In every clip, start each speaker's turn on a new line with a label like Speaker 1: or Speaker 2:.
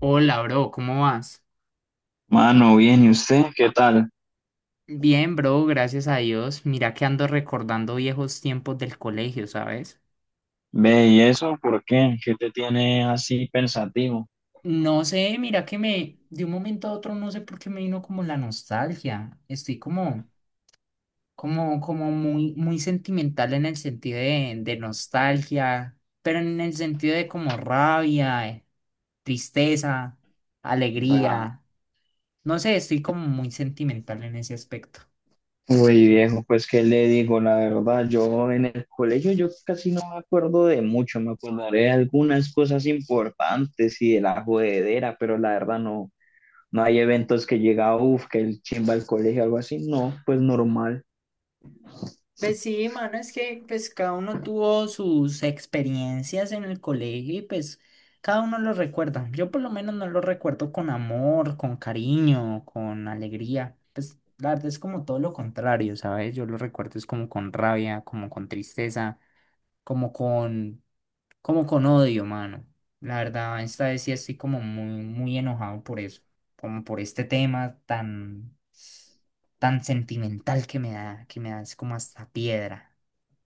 Speaker 1: Hola, bro, ¿cómo vas?
Speaker 2: Mano, bien, ¿y usted qué tal?
Speaker 1: Bien, bro, gracias a Dios. Mira que ando recordando viejos tiempos del colegio, ¿sabes?
Speaker 2: Ve, ¿y eso por qué? ¿Qué te tiene así pensativo?
Speaker 1: No sé, mira que me, de un momento a otro, no sé por qué me vino como la nostalgia. Estoy como muy, muy sentimental en el sentido de nostalgia, pero en el sentido de como rabia, tristeza,
Speaker 2: Ah,
Speaker 1: alegría. No sé, estoy como muy sentimental en ese aspecto.
Speaker 2: güey, viejo, pues qué le digo, la verdad, yo en el colegio yo casi no me acuerdo de mucho, me acordaré de algunas cosas importantes y de la jodedera, pero la verdad no, no hay eventos que llega, uff, que el chimba al colegio, algo así, no, pues normal.
Speaker 1: Pues sí, mano, es que pues cada uno tuvo sus experiencias en el colegio y pues cada uno lo recuerda. Yo por lo menos no lo recuerdo con amor, con cariño, con alegría. Pues la verdad es como todo lo contrario, ¿sabes? Yo lo recuerdo es como con rabia, como con tristeza, como con, como con odio, mano. La verdad, esta vez sí estoy como muy, muy enojado por eso, como por este tema tan, tan sentimental que me da es como hasta piedra.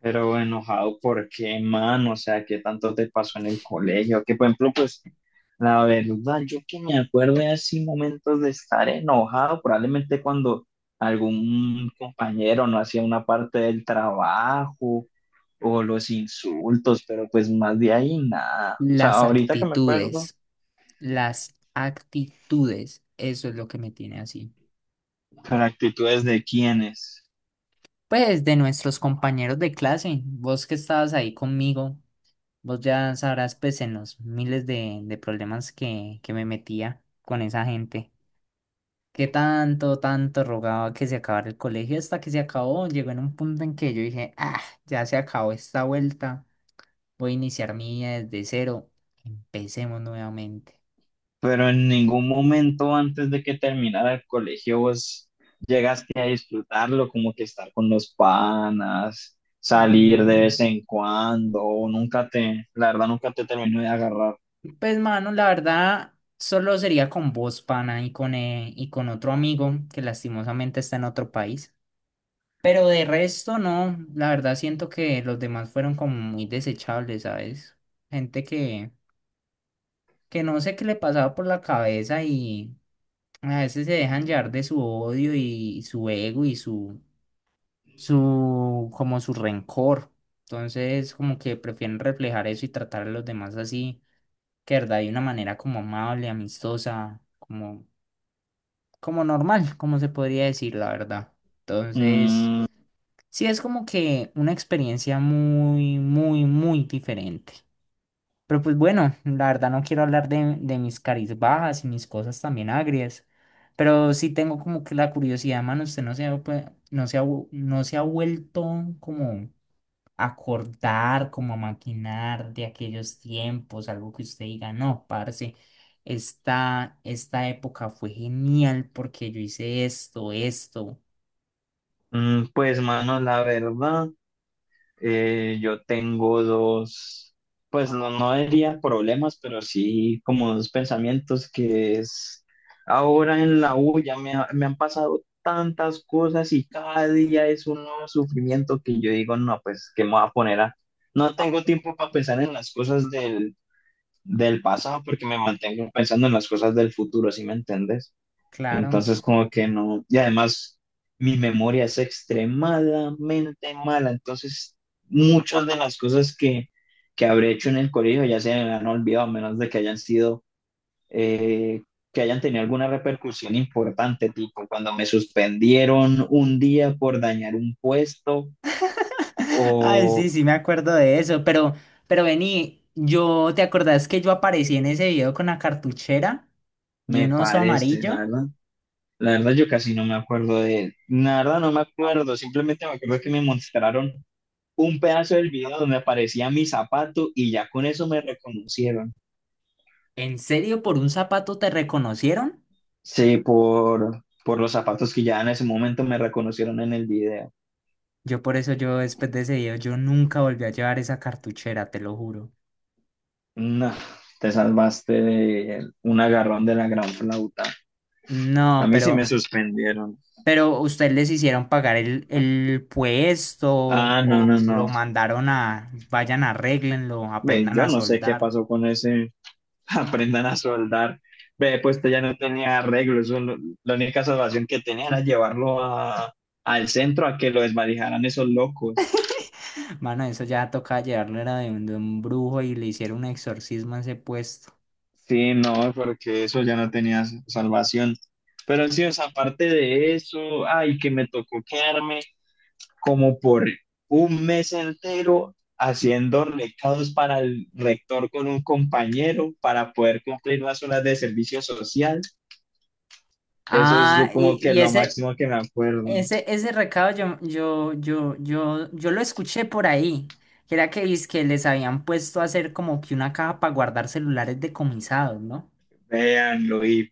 Speaker 2: Pero bueno, enojado, ¿por qué, mano? O sea, ¿qué tanto te pasó en el colegio? Que, por ejemplo, pues, la verdad, yo que me acuerdo de así momentos de estar enojado, probablemente cuando algún compañero no hacía una parte del trabajo o los insultos, pero pues más de ahí nada. O sea,
Speaker 1: Las
Speaker 2: ahorita que me acuerdo,
Speaker 1: actitudes, las actitudes, eso es lo que me tiene así.
Speaker 2: pero actitudes de quiénes.
Speaker 1: Pues de nuestros compañeros de clase, vos que estabas ahí conmigo, vos ya sabrás pues en los miles de problemas que me metía con esa gente, que tanto, tanto rogaba que se acabara el colegio hasta que se acabó, llegó en un punto en que yo dije, ah, ya se acabó esta vuelta, voy a iniciar mi vida desde cero, empecemos nuevamente.
Speaker 2: Pero en ningún momento antes de que terminara el colegio vos llegaste a disfrutarlo, como que estar con los panas, salir de
Speaker 1: Mm.
Speaker 2: vez en cuando, o nunca te, la verdad nunca te terminó de agarrar.
Speaker 1: Pues, mano, la verdad, solo sería con vos, pana, y con otro amigo que lastimosamente está en otro país. Pero de resto, no. La verdad, siento que los demás fueron como muy desechables, ¿sabes? Gente que no sé qué le pasaba por la cabeza y a veces se dejan llevar de su odio y su ego y su, como su rencor. Entonces, como que prefieren reflejar eso y tratar a los demás así que verdad de una manera como amable, amistosa, como, como normal, como se podría decir, la verdad. Entonces,
Speaker 2: Mm,
Speaker 1: sí es como que una experiencia muy, muy, muy diferente. Pero pues bueno, la verdad no quiero hablar de mis caries bajas y mis cosas también agrias. Pero sí tengo como que la curiosidad, mano, usted pues, no se ha vuelto como acordar, como a maquinar de aquellos tiempos, algo que usted diga, no, parce, esta época fue genial porque yo hice esto, esto,
Speaker 2: mm, pues mano, la verdad, yo tengo dos, pues no, no diría problemas, pero sí como dos pensamientos que es, ahora en la U ya me han pasado tantas cosas y cada día es un nuevo sufrimiento que yo digo, no, pues, ¿qué me voy a poner a...? No tengo tiempo para pensar en las cosas del pasado porque me mantengo pensando en las cosas del futuro, ¿sí me entiendes?
Speaker 1: claro.
Speaker 2: Entonces, como que no, y además mi memoria es extremadamente mala, entonces muchas de las cosas que habré hecho en el colegio ya se me han olvidado, a menos de que hayan eh, que hayan tenido alguna repercusión importante, tipo cuando me suspendieron un día por dañar un puesto,
Speaker 1: Ay,
Speaker 2: o
Speaker 1: sí, sí me acuerdo de eso, pero vení, yo, ¿te acordás que yo aparecí en ese video con la cartuchera y
Speaker 2: me
Speaker 1: un oso
Speaker 2: parece, la
Speaker 1: amarillo?
Speaker 2: verdad. La verdad, yo casi no me acuerdo la verdad no me acuerdo, simplemente me acuerdo que me mostraron un pedazo del video donde aparecía mi zapato y ya con eso me reconocieron.
Speaker 1: ¿En serio por un zapato te reconocieron?
Speaker 2: Sí, por los zapatos que ya en ese momento me reconocieron en el video.
Speaker 1: Yo por eso yo después de ese video yo nunca volví a llevar esa cartuchera, te lo juro.
Speaker 2: No, te salvaste de un agarrón de la gran flauta. A
Speaker 1: No,
Speaker 2: mí sí me
Speaker 1: pero
Speaker 2: suspendieron.
Speaker 1: Pero ustedes les hicieron pagar el puesto
Speaker 2: Ah, no,
Speaker 1: o
Speaker 2: no,
Speaker 1: lo
Speaker 2: no.
Speaker 1: mandaron a, vayan, arréglenlo,
Speaker 2: Ve,
Speaker 1: aprendan
Speaker 2: yo
Speaker 1: a
Speaker 2: no sé qué
Speaker 1: soldar.
Speaker 2: pasó con ese. Aprendan a soldar. Ve, pues esto ya no tenía arreglo. Eso, la única salvación que tenía era llevarlo al centro a que lo desvalijaran esos locos.
Speaker 1: Mano, eso ya toca llevarlo era de un brujo y le hicieron un exorcismo a ese puesto.
Speaker 2: Sí, no, porque eso ya no tenía salvación. Pero sí, o sea, aparte de eso, ay, que me tocó quedarme como por un mes entero haciendo recados para el rector con un compañero para poder cumplir las horas de servicio social. Eso es
Speaker 1: Ah,
Speaker 2: como que lo máximo que me acuerdo.
Speaker 1: ese recado yo lo escuché por ahí. Que era que, que les habían puesto a hacer como que una caja para guardar celulares decomisados, ¿no?
Speaker 2: Véanlo, y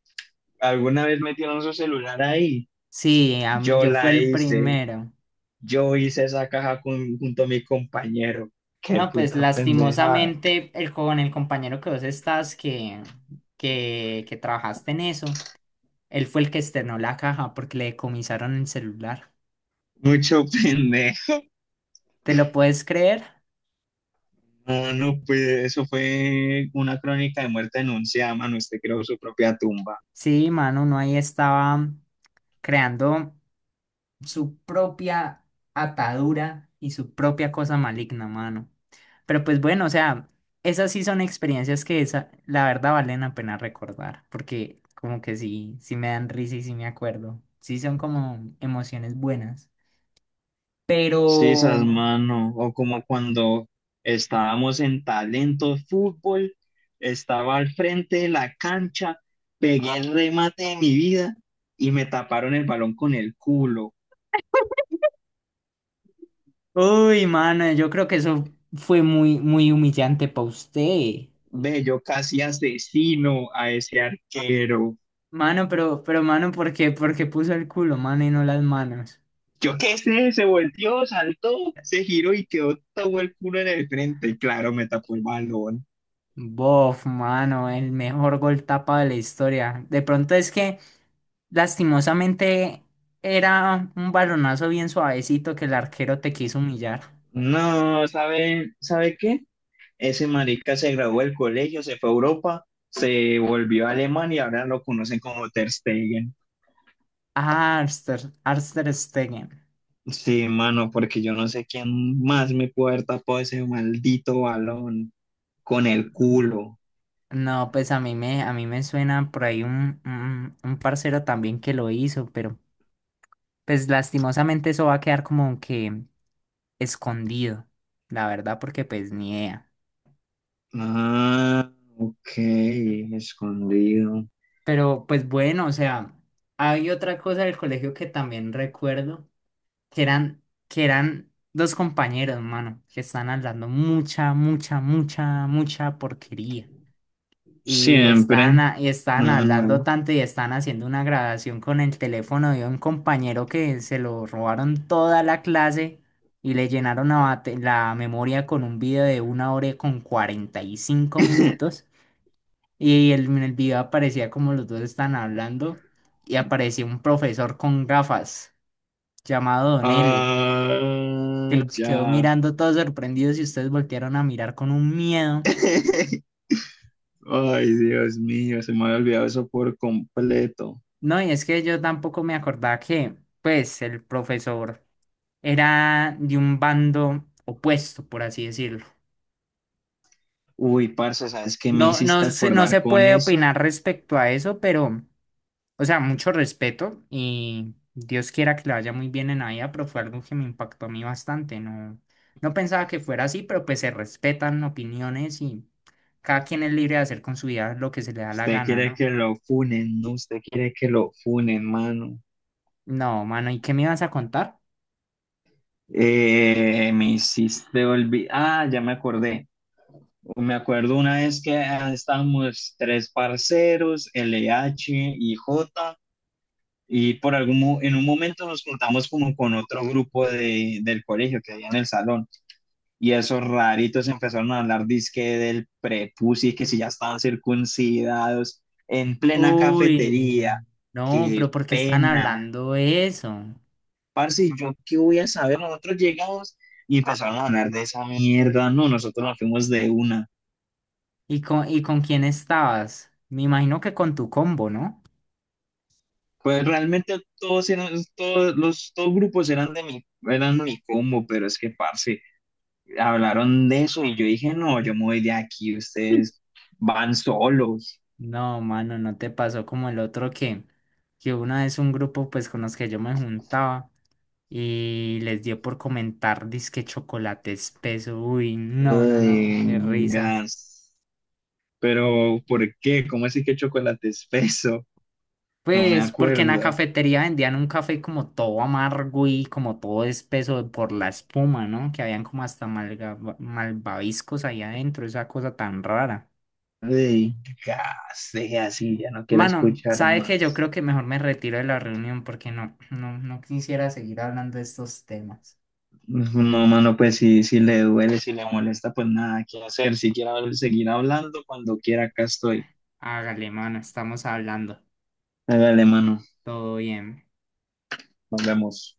Speaker 2: alguna vez metieron su celular ahí.
Speaker 1: Sí, a mí-
Speaker 2: Yo
Speaker 1: yo fui
Speaker 2: la
Speaker 1: el
Speaker 2: hice,
Speaker 1: primero.
Speaker 2: yo hice esa caja junto a mi compañero. Qué
Speaker 1: No, pues
Speaker 2: puta pendeja.
Speaker 1: lastimosamente con el compañero que vos estás que trabajaste en eso, él fue el que externó la caja porque le decomisaron el celular.
Speaker 2: Mucho pendejo.
Speaker 1: ¿Te lo puedes creer?
Speaker 2: No, no, pues eso fue una crónica de muerte anunciada, mano. Usted creó su propia tumba.
Speaker 1: Sí, mano, uno ahí estaba creando. Su propia atadura y su propia cosa maligna, mano. Pero pues bueno, o sea, esas sí son experiencias que esa, la verdad valen la pena recordar, porque como que sí, sí me dan risa y sí me acuerdo. Sí son como emociones buenas.
Speaker 2: Sí,
Speaker 1: Pero,
Speaker 2: esas mano. O como cuando estábamos en Talento Fútbol, estaba al frente de la cancha, pegué el remate de mi vida y me taparon el balón con el culo.
Speaker 1: uy, mano, yo creo que eso fue muy, muy humillante para usted.
Speaker 2: Ve, yo casi asesino a ese arquero.
Speaker 1: Mano, mano, ¿por qué? ¿Por qué puso el culo, mano, y no las manos?
Speaker 2: Yo qué sé, se volteó, saltó, se giró y quedó todo el culo en el frente. Y claro, me tapó el balón.
Speaker 1: Bof, mano, el mejor gol tapa de la historia. De pronto es que, lastimosamente, era un balonazo bien suavecito que el arquero te quiso humillar.
Speaker 2: No, ¿sabe qué? Ese marica se graduó del colegio, se fue a Europa, se volvió a Alemania y ahora lo conocen como Ter Stegen.
Speaker 1: Ah, Arster Stegen.
Speaker 2: Sí, mano, porque yo no sé quién más me puede haber tapado ese maldito balón con
Speaker 1: Mm,
Speaker 2: el
Speaker 1: mm.
Speaker 2: culo.
Speaker 1: No, pues a mí a mí me suena por ahí un, un parcero también que lo hizo, pero pues lastimosamente eso va a quedar como que escondido, la verdad, porque pues ni idea.
Speaker 2: Ah, ok, escondido.
Speaker 1: Pero pues bueno, o sea, hay otra cosa del colegio que también recuerdo, que eran dos compañeros, mano, que están hablando mucha, mucha, mucha, mucha porquería.
Speaker 2: Siempre.
Speaker 1: Y están
Speaker 2: Nada
Speaker 1: hablando
Speaker 2: nuevo.
Speaker 1: tanto y están haciendo una grabación con el teléfono de un compañero que se lo robaron toda la clase y le llenaron la memoria con un video de una hora con 45 minutos. Y en el video aparecía como los dos están hablando y apareció un profesor con gafas llamado Don L, que
Speaker 2: Ah,
Speaker 1: los quedó
Speaker 2: ya.
Speaker 1: mirando todos sorprendidos y ustedes voltearon a mirar con un miedo.
Speaker 2: Ay, Dios mío, se me había olvidado eso por completo.
Speaker 1: No, y es que yo tampoco me acordaba que, pues, el profesor era de un bando opuesto, por así decirlo.
Speaker 2: Uy, parce, ¿sabes qué me
Speaker 1: No,
Speaker 2: hiciste
Speaker 1: no se
Speaker 2: acordar con
Speaker 1: puede
Speaker 2: eso?
Speaker 1: opinar respecto a eso, pero... O sea, mucho respeto y Dios quiera que le vaya muy bien en la vida, pero fue algo que me impactó a mí bastante. No, no pensaba que fuera así, pero pues se respetan opiniones y cada quien es libre de hacer con su vida lo que se le da la
Speaker 2: Usted
Speaker 1: gana,
Speaker 2: quiere
Speaker 1: ¿no?
Speaker 2: que lo funen, ¿no? Usted quiere que lo funen, mano.
Speaker 1: No, mano, ¿y qué me ibas a contar?
Speaker 2: Me hiciste olvidar. Ah, ya me acordé. Me acuerdo una vez que estábamos tres parceros, LH y J, y en un momento nos juntamos como con otro grupo del colegio que había en el salón. Y esos raritos empezaron a hablar dizque del prepucio y que si ya estaban circuncidados en plena cafetería.
Speaker 1: Uy, no,
Speaker 2: Qué
Speaker 1: pero ¿por qué están
Speaker 2: pena.
Speaker 1: hablando eso?
Speaker 2: Parce, ¿yo qué voy a saber? Nosotros llegamos y empezaron a hablar de esa mierda. No, nosotros nos fuimos de una.
Speaker 1: ¿Y y con quién estabas? Me imagino que con tu combo, ¿no?
Speaker 2: Pues realmente todos eran, todos los todos grupos eran eran mi combo, pero es que, parce, hablaron de eso y yo dije, no, yo me voy de aquí, ustedes van solos.
Speaker 1: No, mano, no te pasó como el otro que una vez un grupo pues con los que yo me juntaba y les dio por comentar dizque chocolate espeso. Uy, no, no, no,
Speaker 2: Ay,
Speaker 1: qué risa.
Speaker 2: gas.
Speaker 1: Co-
Speaker 2: Pero, ¿por qué? ¿Cómo así que chocolate espeso? No me
Speaker 1: Pues porque en la
Speaker 2: acuerdo.
Speaker 1: cafetería vendían un café como todo amargo y como todo espeso por la espuma, ¿no? Que habían como hasta malvaviscos ahí adentro, esa cosa tan rara.
Speaker 2: Ey, ya, sí, así, ya no quiero
Speaker 1: Mano,
Speaker 2: escuchar
Speaker 1: sabe que yo
Speaker 2: más.
Speaker 1: creo que mejor me retiro de la reunión porque no, no, no quisiera seguir hablando de estos temas.
Speaker 2: No, mano, pues si le duele, si le molesta, pues nada, qué hacer. Si quiere seguir hablando, cuando quiera, acá estoy.
Speaker 1: Hágale, mano, estamos hablando.
Speaker 2: Hágale, mano,
Speaker 1: Todo bien.
Speaker 2: nos vemos.